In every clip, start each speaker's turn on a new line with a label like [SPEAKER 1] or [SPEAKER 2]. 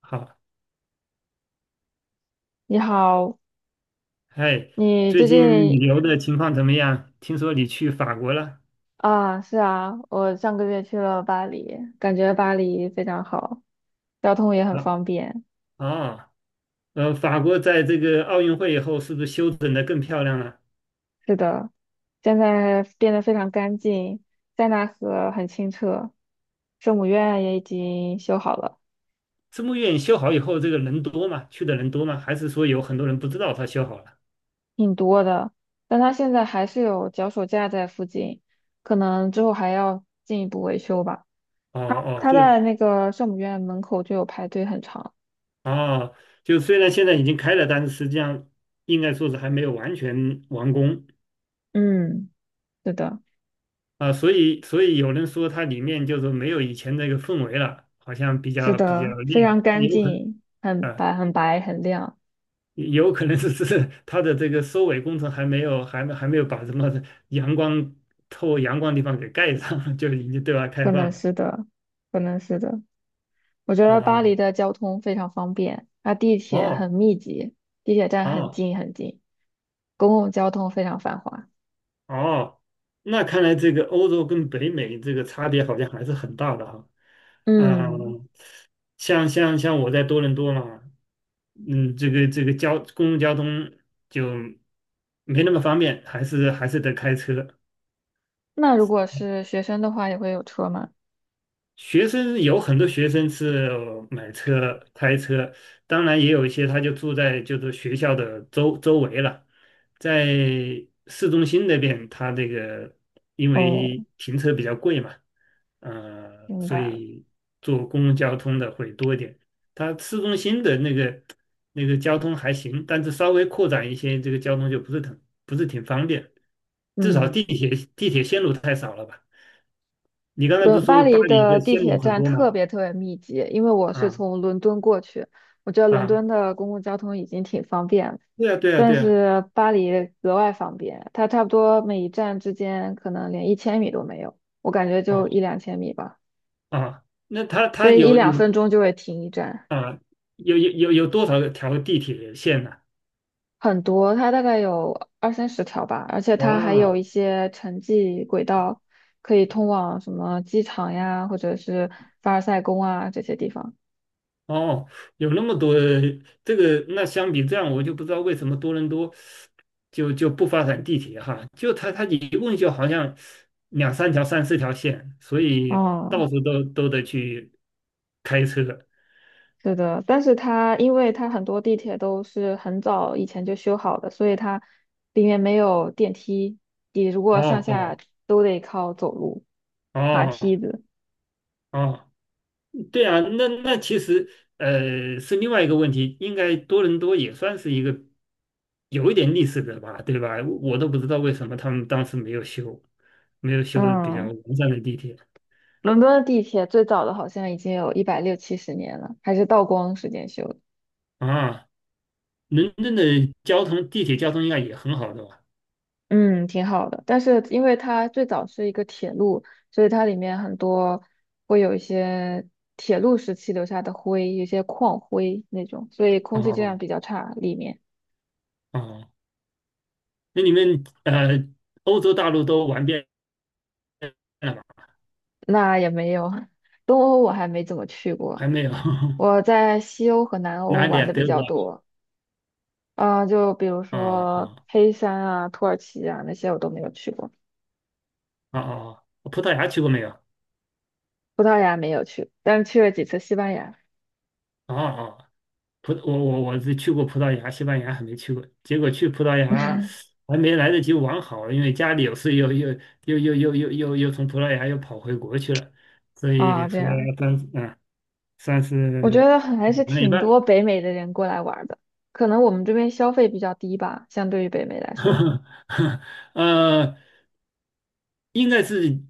[SPEAKER 1] 好，
[SPEAKER 2] 你好，
[SPEAKER 1] 哎，
[SPEAKER 2] 你
[SPEAKER 1] 最
[SPEAKER 2] 最
[SPEAKER 1] 近
[SPEAKER 2] 近。
[SPEAKER 1] 旅游的情况怎么样？听说你去法国了？
[SPEAKER 2] 啊，是啊，我上个月去了巴黎，感觉巴黎非常好，交通也很
[SPEAKER 1] 啊，
[SPEAKER 2] 方便。
[SPEAKER 1] 哦，法国在这个奥运会以后，是不是修整的更漂亮了？
[SPEAKER 2] 是的，现在变得非常干净，塞纳河很清澈，圣母院也已经修好了，
[SPEAKER 1] 圣母院修好以后，这个人多吗？去的人多吗？还是说有很多人不知道它修好了？
[SPEAKER 2] 挺多的。但它现在还是有脚手架在附近，可能之后还要进一步维修吧。
[SPEAKER 1] 哦
[SPEAKER 2] 它
[SPEAKER 1] 哦，
[SPEAKER 2] 它
[SPEAKER 1] 就
[SPEAKER 2] 在那个圣母院门口就有排队很长。
[SPEAKER 1] 哦，就虽然现在已经开了，但是实际上应该说是还没有完全完工
[SPEAKER 2] 嗯，是的。
[SPEAKER 1] 啊，所以有人说它里面就是没有以前那个氛围了，好像比
[SPEAKER 2] 是
[SPEAKER 1] 较比较
[SPEAKER 2] 的，非
[SPEAKER 1] 亮，
[SPEAKER 2] 常
[SPEAKER 1] 它
[SPEAKER 2] 干
[SPEAKER 1] 有可能。
[SPEAKER 2] 净，很
[SPEAKER 1] 啊。
[SPEAKER 2] 白、很白、很亮，
[SPEAKER 1] 有可能是只是它的这个收尾工程还没有，还没有把什么阳光透阳光地方给盖上，就已经对外
[SPEAKER 2] 可
[SPEAKER 1] 开
[SPEAKER 2] 能
[SPEAKER 1] 放了
[SPEAKER 2] 是的，可能是的。我觉得巴
[SPEAKER 1] 啊。
[SPEAKER 2] 黎的交通非常方便，它地铁
[SPEAKER 1] 哦
[SPEAKER 2] 很密集，地铁站很
[SPEAKER 1] 哦
[SPEAKER 2] 近很近，公共交通非常繁华。
[SPEAKER 1] 哦，那看来这个欧洲跟北美这个差别好像还是很大的哈。啊，
[SPEAKER 2] 嗯，
[SPEAKER 1] 像我在多伦多嘛，嗯，这个交公共交通就没那么方便，还是得开车。
[SPEAKER 2] 那如果是学生的话，也会有车吗？
[SPEAKER 1] 学生有很多学生是买车、开车，当然也有一些他就住在就是学校的周周围了，在市中心那边，他这个因
[SPEAKER 2] 哦，
[SPEAKER 1] 为停车比较贵嘛，
[SPEAKER 2] 明
[SPEAKER 1] 所
[SPEAKER 2] 白了。
[SPEAKER 1] 以坐公共交通的会多一点。它市中心的那个交通还行，但是稍微扩展一些，这个交通就不是很不是挺方便，至少
[SPEAKER 2] 嗯。
[SPEAKER 1] 地铁线路太少了吧。你刚才不是
[SPEAKER 2] 巴
[SPEAKER 1] 说巴
[SPEAKER 2] 黎
[SPEAKER 1] 黎
[SPEAKER 2] 的
[SPEAKER 1] 的
[SPEAKER 2] 地
[SPEAKER 1] 线
[SPEAKER 2] 铁
[SPEAKER 1] 路很
[SPEAKER 2] 站
[SPEAKER 1] 多
[SPEAKER 2] 特
[SPEAKER 1] 吗？
[SPEAKER 2] 别特别密集，因为我是
[SPEAKER 1] 啊
[SPEAKER 2] 从伦敦过去，我觉得伦
[SPEAKER 1] 啊，
[SPEAKER 2] 敦的公共交通已经挺方便了，
[SPEAKER 1] 对啊对啊
[SPEAKER 2] 但
[SPEAKER 1] 对啊，
[SPEAKER 2] 是巴黎格外方便，它差不多每一站之间可能连1千米都没有，我感觉
[SPEAKER 1] 哦
[SPEAKER 2] 就一两千米吧，
[SPEAKER 1] 啊，那它
[SPEAKER 2] 所
[SPEAKER 1] 它
[SPEAKER 2] 以一
[SPEAKER 1] 有
[SPEAKER 2] 两
[SPEAKER 1] 有
[SPEAKER 2] 分钟就会停一站，
[SPEAKER 1] 啊有多少条地铁线呢、
[SPEAKER 2] 很多，它大概有二三十条吧，而且它还有
[SPEAKER 1] 哇
[SPEAKER 2] 一些城际轨道，可以通往什么机场呀，或者是凡尔赛宫啊这些地方。
[SPEAKER 1] 哦，有那么多这个，那相比这样，我就不知道为什么多伦多就不发展地铁哈，就它一共就好像两三条、三四条线，所以
[SPEAKER 2] 哦，
[SPEAKER 1] 到处都得去开车。
[SPEAKER 2] 是的，但是它因为它很多地铁都是很早以前就修好的，所以它里面没有电梯，你如
[SPEAKER 1] 哦
[SPEAKER 2] 果上下
[SPEAKER 1] 哦
[SPEAKER 2] 都得靠走路、爬
[SPEAKER 1] 哦
[SPEAKER 2] 梯子。
[SPEAKER 1] 哦。对啊，那那其实是另外一个问题，应该多伦多也算是一个有一点历史的吧，对吧？我都不知道为什么他们当时没有修，没有修比较
[SPEAKER 2] 嗯，
[SPEAKER 1] 完善的地铁
[SPEAKER 2] 伦敦的地铁最早的好像已经有一百六七十年了，还是道光时间修的。
[SPEAKER 1] 啊。伦敦的交通地铁交通应该也很好的吧？
[SPEAKER 2] 嗯，挺好的。但是因为它最早是一个铁路，所以它里面很多会有一些铁路时期留下的灰，有一些矿灰那种，所以空
[SPEAKER 1] 哦
[SPEAKER 2] 气质量
[SPEAKER 1] 哦，
[SPEAKER 2] 比较差，里面。
[SPEAKER 1] 哦那你们欧洲大陆都玩遍了吗？
[SPEAKER 2] 那也没有，东欧我还没怎么去过，
[SPEAKER 1] 还没有？
[SPEAKER 2] 我在西欧和南
[SPEAKER 1] 哪
[SPEAKER 2] 欧
[SPEAKER 1] 里
[SPEAKER 2] 玩
[SPEAKER 1] 啊？
[SPEAKER 2] 的比
[SPEAKER 1] 德
[SPEAKER 2] 较
[SPEAKER 1] 国
[SPEAKER 2] 多，啊、就比如
[SPEAKER 1] 啊？啊
[SPEAKER 2] 说
[SPEAKER 1] 啊
[SPEAKER 2] 黑山啊、土耳其啊那些我都没有去过，
[SPEAKER 1] 啊啊！葡萄牙去过没有？
[SPEAKER 2] 但是去了几次西班牙。
[SPEAKER 1] 啊啊葡我是去过葡萄牙、西班牙，还没去过。结果去葡萄牙还没来得及玩好，因为家里有事又从葡萄牙又跑回国去了，所以
[SPEAKER 2] 啊、这
[SPEAKER 1] 葡萄
[SPEAKER 2] 样，
[SPEAKER 1] 牙算嗯算
[SPEAKER 2] 我觉
[SPEAKER 1] 是
[SPEAKER 2] 得还是
[SPEAKER 1] 玩了一
[SPEAKER 2] 挺
[SPEAKER 1] 半。
[SPEAKER 2] 多北美的人过来玩儿的，可能我们这边消费比较低吧，相对于北美来说。
[SPEAKER 1] 呃，应该是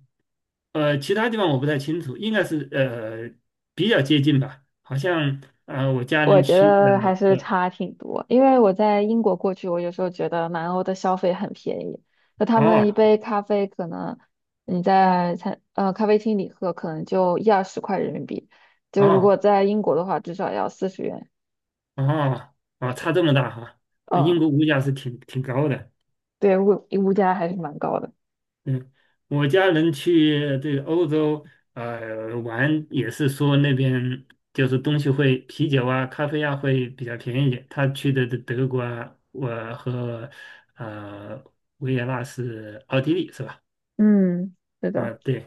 [SPEAKER 1] 其他地方我不太清楚，应该是比较接近吧，好像我家
[SPEAKER 2] 我
[SPEAKER 1] 人
[SPEAKER 2] 觉
[SPEAKER 1] 去
[SPEAKER 2] 得还是
[SPEAKER 1] 呃
[SPEAKER 2] 差挺多，因为我在英国过去，我有时候觉得南欧的消费很便宜，那他们一
[SPEAKER 1] 哦
[SPEAKER 2] 杯咖啡可能你在咖啡厅里喝，可能就一二十块人民币，就如
[SPEAKER 1] 哦
[SPEAKER 2] 果在英国的话，至少要40元。
[SPEAKER 1] 哦，啊，差这么大哈，那英
[SPEAKER 2] 嗯，
[SPEAKER 1] 国物价是挺挺高的。
[SPEAKER 2] 对，物价还是蛮高的。
[SPEAKER 1] 嗯，我家人去这个欧洲玩，也是说那边就是东西会啤酒啊、咖啡啊会比较便宜一点。他去的德德国啊，我和呃维也纳是奥地利是吧？
[SPEAKER 2] 嗯，是
[SPEAKER 1] 啊，
[SPEAKER 2] 的，
[SPEAKER 1] 对，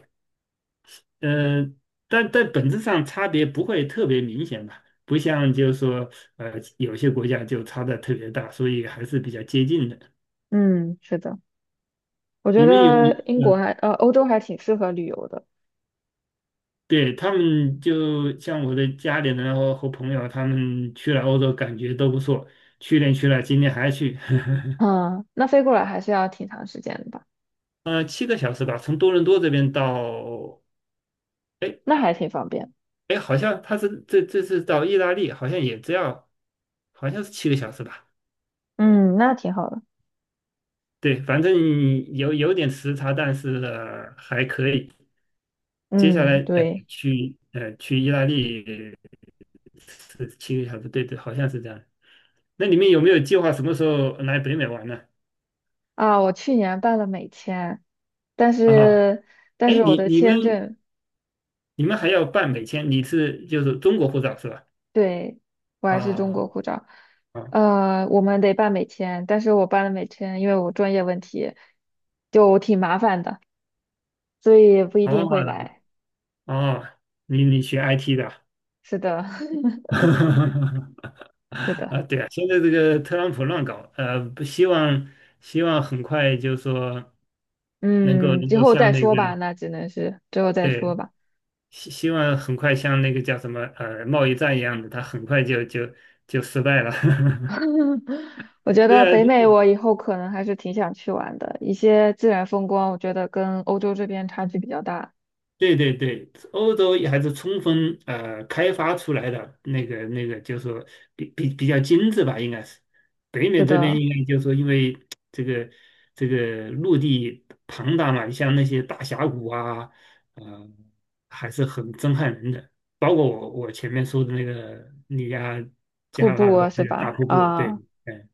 [SPEAKER 1] 呃，但但本质上差别不会特别明显吧。不像就是说，有些国家就差的特别大，所以还是比较接近的。
[SPEAKER 2] 嗯，是的，我觉
[SPEAKER 1] 你们有
[SPEAKER 2] 得英
[SPEAKER 1] 有
[SPEAKER 2] 国
[SPEAKER 1] 呃，
[SPEAKER 2] 欧洲还挺适合旅游的。
[SPEAKER 1] 对他们就像我的家里人然后和朋友，他们去了欧洲，感觉都不错。去年去了，今年还去，
[SPEAKER 2] 嗯，那飞过来还是要挺长时间的吧？
[SPEAKER 1] 呃，七个小时吧，从多伦多这边到，哎
[SPEAKER 2] 那还挺方便。
[SPEAKER 1] 哎，好像他是这这次到意大利，好像也只要，好像是七个小时吧。
[SPEAKER 2] 嗯，那挺好的。
[SPEAKER 1] 对，反正有有点时差，但是，还可以。接下来
[SPEAKER 2] 嗯，对。
[SPEAKER 1] 去去意大利是七个小时，对对，好像是这样。那你们有没有计划什么时候来北美玩呢？
[SPEAKER 2] 啊，我去年办了美签，但
[SPEAKER 1] 啊，
[SPEAKER 2] 是但
[SPEAKER 1] 哎，
[SPEAKER 2] 是我
[SPEAKER 1] 你
[SPEAKER 2] 的
[SPEAKER 1] 你
[SPEAKER 2] 签
[SPEAKER 1] 们
[SPEAKER 2] 证。
[SPEAKER 1] 你们还要办美签？你是就是中国护照是吧？
[SPEAKER 2] 对，我还是中
[SPEAKER 1] 啊
[SPEAKER 2] 国护照，
[SPEAKER 1] 啊
[SPEAKER 2] 呃，我们得办美签，但是我办了美签，因为我专业问题就挺麻烦的，所以不一
[SPEAKER 1] 哦
[SPEAKER 2] 定会来。
[SPEAKER 1] 哦，你你学 IT 的啊？
[SPEAKER 2] 是的，是的，
[SPEAKER 1] 啊，对啊，现在这个特朗普乱搞，不希望希望很快就是说能够
[SPEAKER 2] 嗯，
[SPEAKER 1] 能
[SPEAKER 2] 之
[SPEAKER 1] 够
[SPEAKER 2] 后
[SPEAKER 1] 像
[SPEAKER 2] 再
[SPEAKER 1] 那个
[SPEAKER 2] 说吧，那只能是之后再
[SPEAKER 1] 对
[SPEAKER 2] 说吧。
[SPEAKER 1] 希希望很快像那个叫什么贸易战一样的，它很快就就失败了。
[SPEAKER 2] 我觉
[SPEAKER 1] 对
[SPEAKER 2] 得
[SPEAKER 1] 啊，
[SPEAKER 2] 北美我以后可能还是挺想去玩的，一些自然风光，我觉得跟欧洲这边差距比较大。
[SPEAKER 1] 对对对，欧洲也还是充分开发出来的那个那个，就是说比比较精致吧，应该是。北美
[SPEAKER 2] 是
[SPEAKER 1] 这边
[SPEAKER 2] 的。
[SPEAKER 1] 应该就是说，因为这个这个陆地庞大嘛，像那些大峡谷啊，呃，还是很震撼人的。包括我前面说的那个尼亚
[SPEAKER 2] 瀑
[SPEAKER 1] 加
[SPEAKER 2] 布
[SPEAKER 1] 拉的
[SPEAKER 2] 啊是
[SPEAKER 1] 那个大
[SPEAKER 2] 吧？
[SPEAKER 1] 瀑布，对。
[SPEAKER 2] 啊，
[SPEAKER 1] 嗯。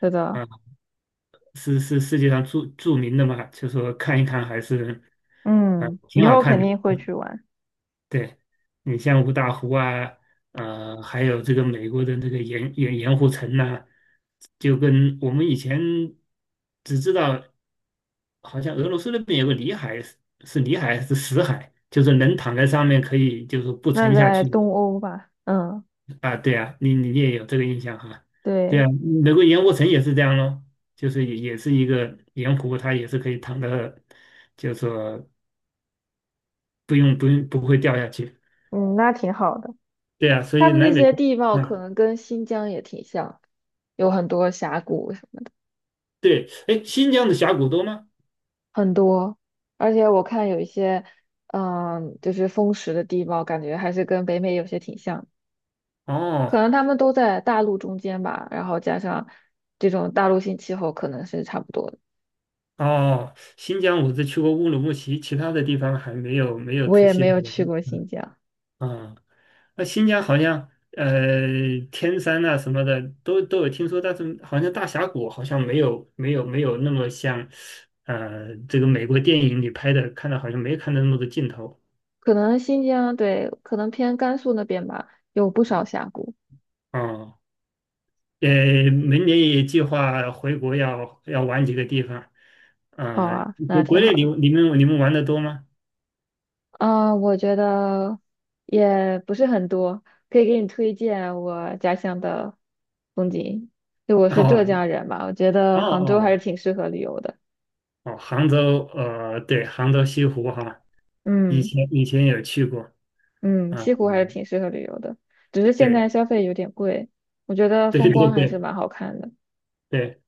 [SPEAKER 2] 是的，
[SPEAKER 1] 啊，是是世界上著著名的嘛，就说看一看还是，啊，
[SPEAKER 2] 嗯，
[SPEAKER 1] 挺
[SPEAKER 2] 以
[SPEAKER 1] 好
[SPEAKER 2] 后肯
[SPEAKER 1] 看的。
[SPEAKER 2] 定会去玩。
[SPEAKER 1] 对，你像五大湖啊，还有这个美国的那个盐盐盐湖城呐、就跟我们以前只知道，好像俄罗斯那边有个里海，是里海还是死海，就是人躺在上面可以，就是不
[SPEAKER 2] 那
[SPEAKER 1] 沉下
[SPEAKER 2] 在
[SPEAKER 1] 去，嘛。
[SPEAKER 2] 东欧吧，嗯，
[SPEAKER 1] 啊，对啊，你你也有这个印象哈？对
[SPEAKER 2] 对，
[SPEAKER 1] 啊，美国盐湖城也是这样咯，就是也也是一个盐湖，它也是可以躺的，就是说不用不会掉下去。
[SPEAKER 2] 嗯，那挺好的。
[SPEAKER 1] 对啊，所
[SPEAKER 2] 他
[SPEAKER 1] 以
[SPEAKER 2] 们
[SPEAKER 1] 来
[SPEAKER 2] 那
[SPEAKER 1] 美
[SPEAKER 2] 些
[SPEAKER 1] 国，
[SPEAKER 2] 地貌可
[SPEAKER 1] 嗯，
[SPEAKER 2] 能跟新疆也挺像，有很多峡谷，
[SPEAKER 1] 对，哎，新疆的峡谷多吗？
[SPEAKER 2] 很多，而且我看有一些，嗯，就是风蚀的地貌，感觉还是跟北美有些挺像，可
[SPEAKER 1] 哦
[SPEAKER 2] 能他们都在大陆中间吧，然后加上这种大陆性气候，可能是差不多的。
[SPEAKER 1] 哦，新疆我只去过乌鲁木齐，其他的地方还没有没有
[SPEAKER 2] 我
[SPEAKER 1] 仔
[SPEAKER 2] 也
[SPEAKER 1] 细
[SPEAKER 2] 没
[SPEAKER 1] 的
[SPEAKER 2] 有去
[SPEAKER 1] 闻。
[SPEAKER 2] 过新疆。
[SPEAKER 1] 啊、那新疆好像天山呐什么的都有听说，但是好像大峡谷好像没有那么像这个美国电影里拍的，看到好像没看到那么多镜头
[SPEAKER 2] 可能新疆，对，可能偏甘肃那边吧，有不少峡谷。
[SPEAKER 1] 啊。哦呃，明年也计划回国要要玩几个地方，
[SPEAKER 2] 好
[SPEAKER 1] 呃，
[SPEAKER 2] 啊，那
[SPEAKER 1] 国国
[SPEAKER 2] 挺好
[SPEAKER 1] 内你
[SPEAKER 2] 的。
[SPEAKER 1] 们你们你们玩的多吗？
[SPEAKER 2] 啊、我觉得也不是很多，可以给你推荐我家乡的风景。就我是浙江
[SPEAKER 1] 哦
[SPEAKER 2] 人嘛，我觉
[SPEAKER 1] 哦
[SPEAKER 2] 得杭州还
[SPEAKER 1] 哦
[SPEAKER 2] 是挺适合旅游的。
[SPEAKER 1] 哦，杭州对，杭州西湖哈，以
[SPEAKER 2] 嗯，
[SPEAKER 1] 前以前有去过
[SPEAKER 2] 嗯，
[SPEAKER 1] 啊，
[SPEAKER 2] 西湖还是挺适合旅游的，只是现在
[SPEAKER 1] 对
[SPEAKER 2] 消费有点贵。我觉得
[SPEAKER 1] 对对
[SPEAKER 2] 风光还是
[SPEAKER 1] 对
[SPEAKER 2] 蛮好看的，
[SPEAKER 1] 对。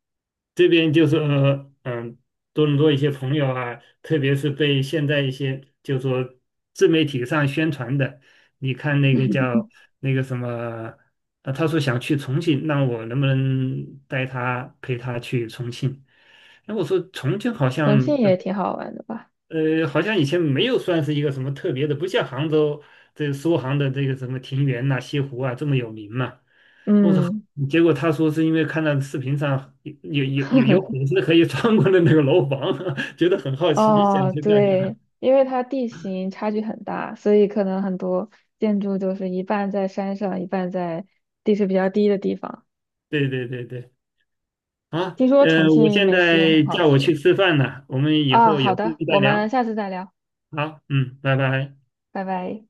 [SPEAKER 1] 这边就是嗯，多伦多一些朋友啊，特别是被现在一些就说自媒体上宣传的，你看那个叫那个什么，他说想去重庆，让我能不能带他陪他去重庆？那我说重庆好
[SPEAKER 2] 重庆
[SPEAKER 1] 像
[SPEAKER 2] 也挺好玩的吧。
[SPEAKER 1] 好像以前没有算是一个什么特别的，不像杭州这苏杭的这个什么庭园呐、西湖啊这么有名嘛。我操！
[SPEAKER 2] 嗯。
[SPEAKER 1] 结果他说是因为看到视频上有 粉丝可以穿过的那个楼房，觉得很好奇，想
[SPEAKER 2] 哦，
[SPEAKER 1] 去看
[SPEAKER 2] 对，
[SPEAKER 1] 看。
[SPEAKER 2] 因为它地形差距很大，所以可能很多建筑就是一半在山上，一半在地势比较低的地方。
[SPEAKER 1] 对对对对，啊，
[SPEAKER 2] 听说重
[SPEAKER 1] 我
[SPEAKER 2] 庆
[SPEAKER 1] 现
[SPEAKER 2] 美食也
[SPEAKER 1] 在
[SPEAKER 2] 很好
[SPEAKER 1] 叫我去
[SPEAKER 2] 吃。
[SPEAKER 1] 吃饭了，我们以
[SPEAKER 2] 啊，
[SPEAKER 1] 后
[SPEAKER 2] 好
[SPEAKER 1] 有空
[SPEAKER 2] 的，
[SPEAKER 1] 再
[SPEAKER 2] 我
[SPEAKER 1] 聊。
[SPEAKER 2] 们下次再聊，
[SPEAKER 1] 好，嗯，拜拜。
[SPEAKER 2] 拜拜。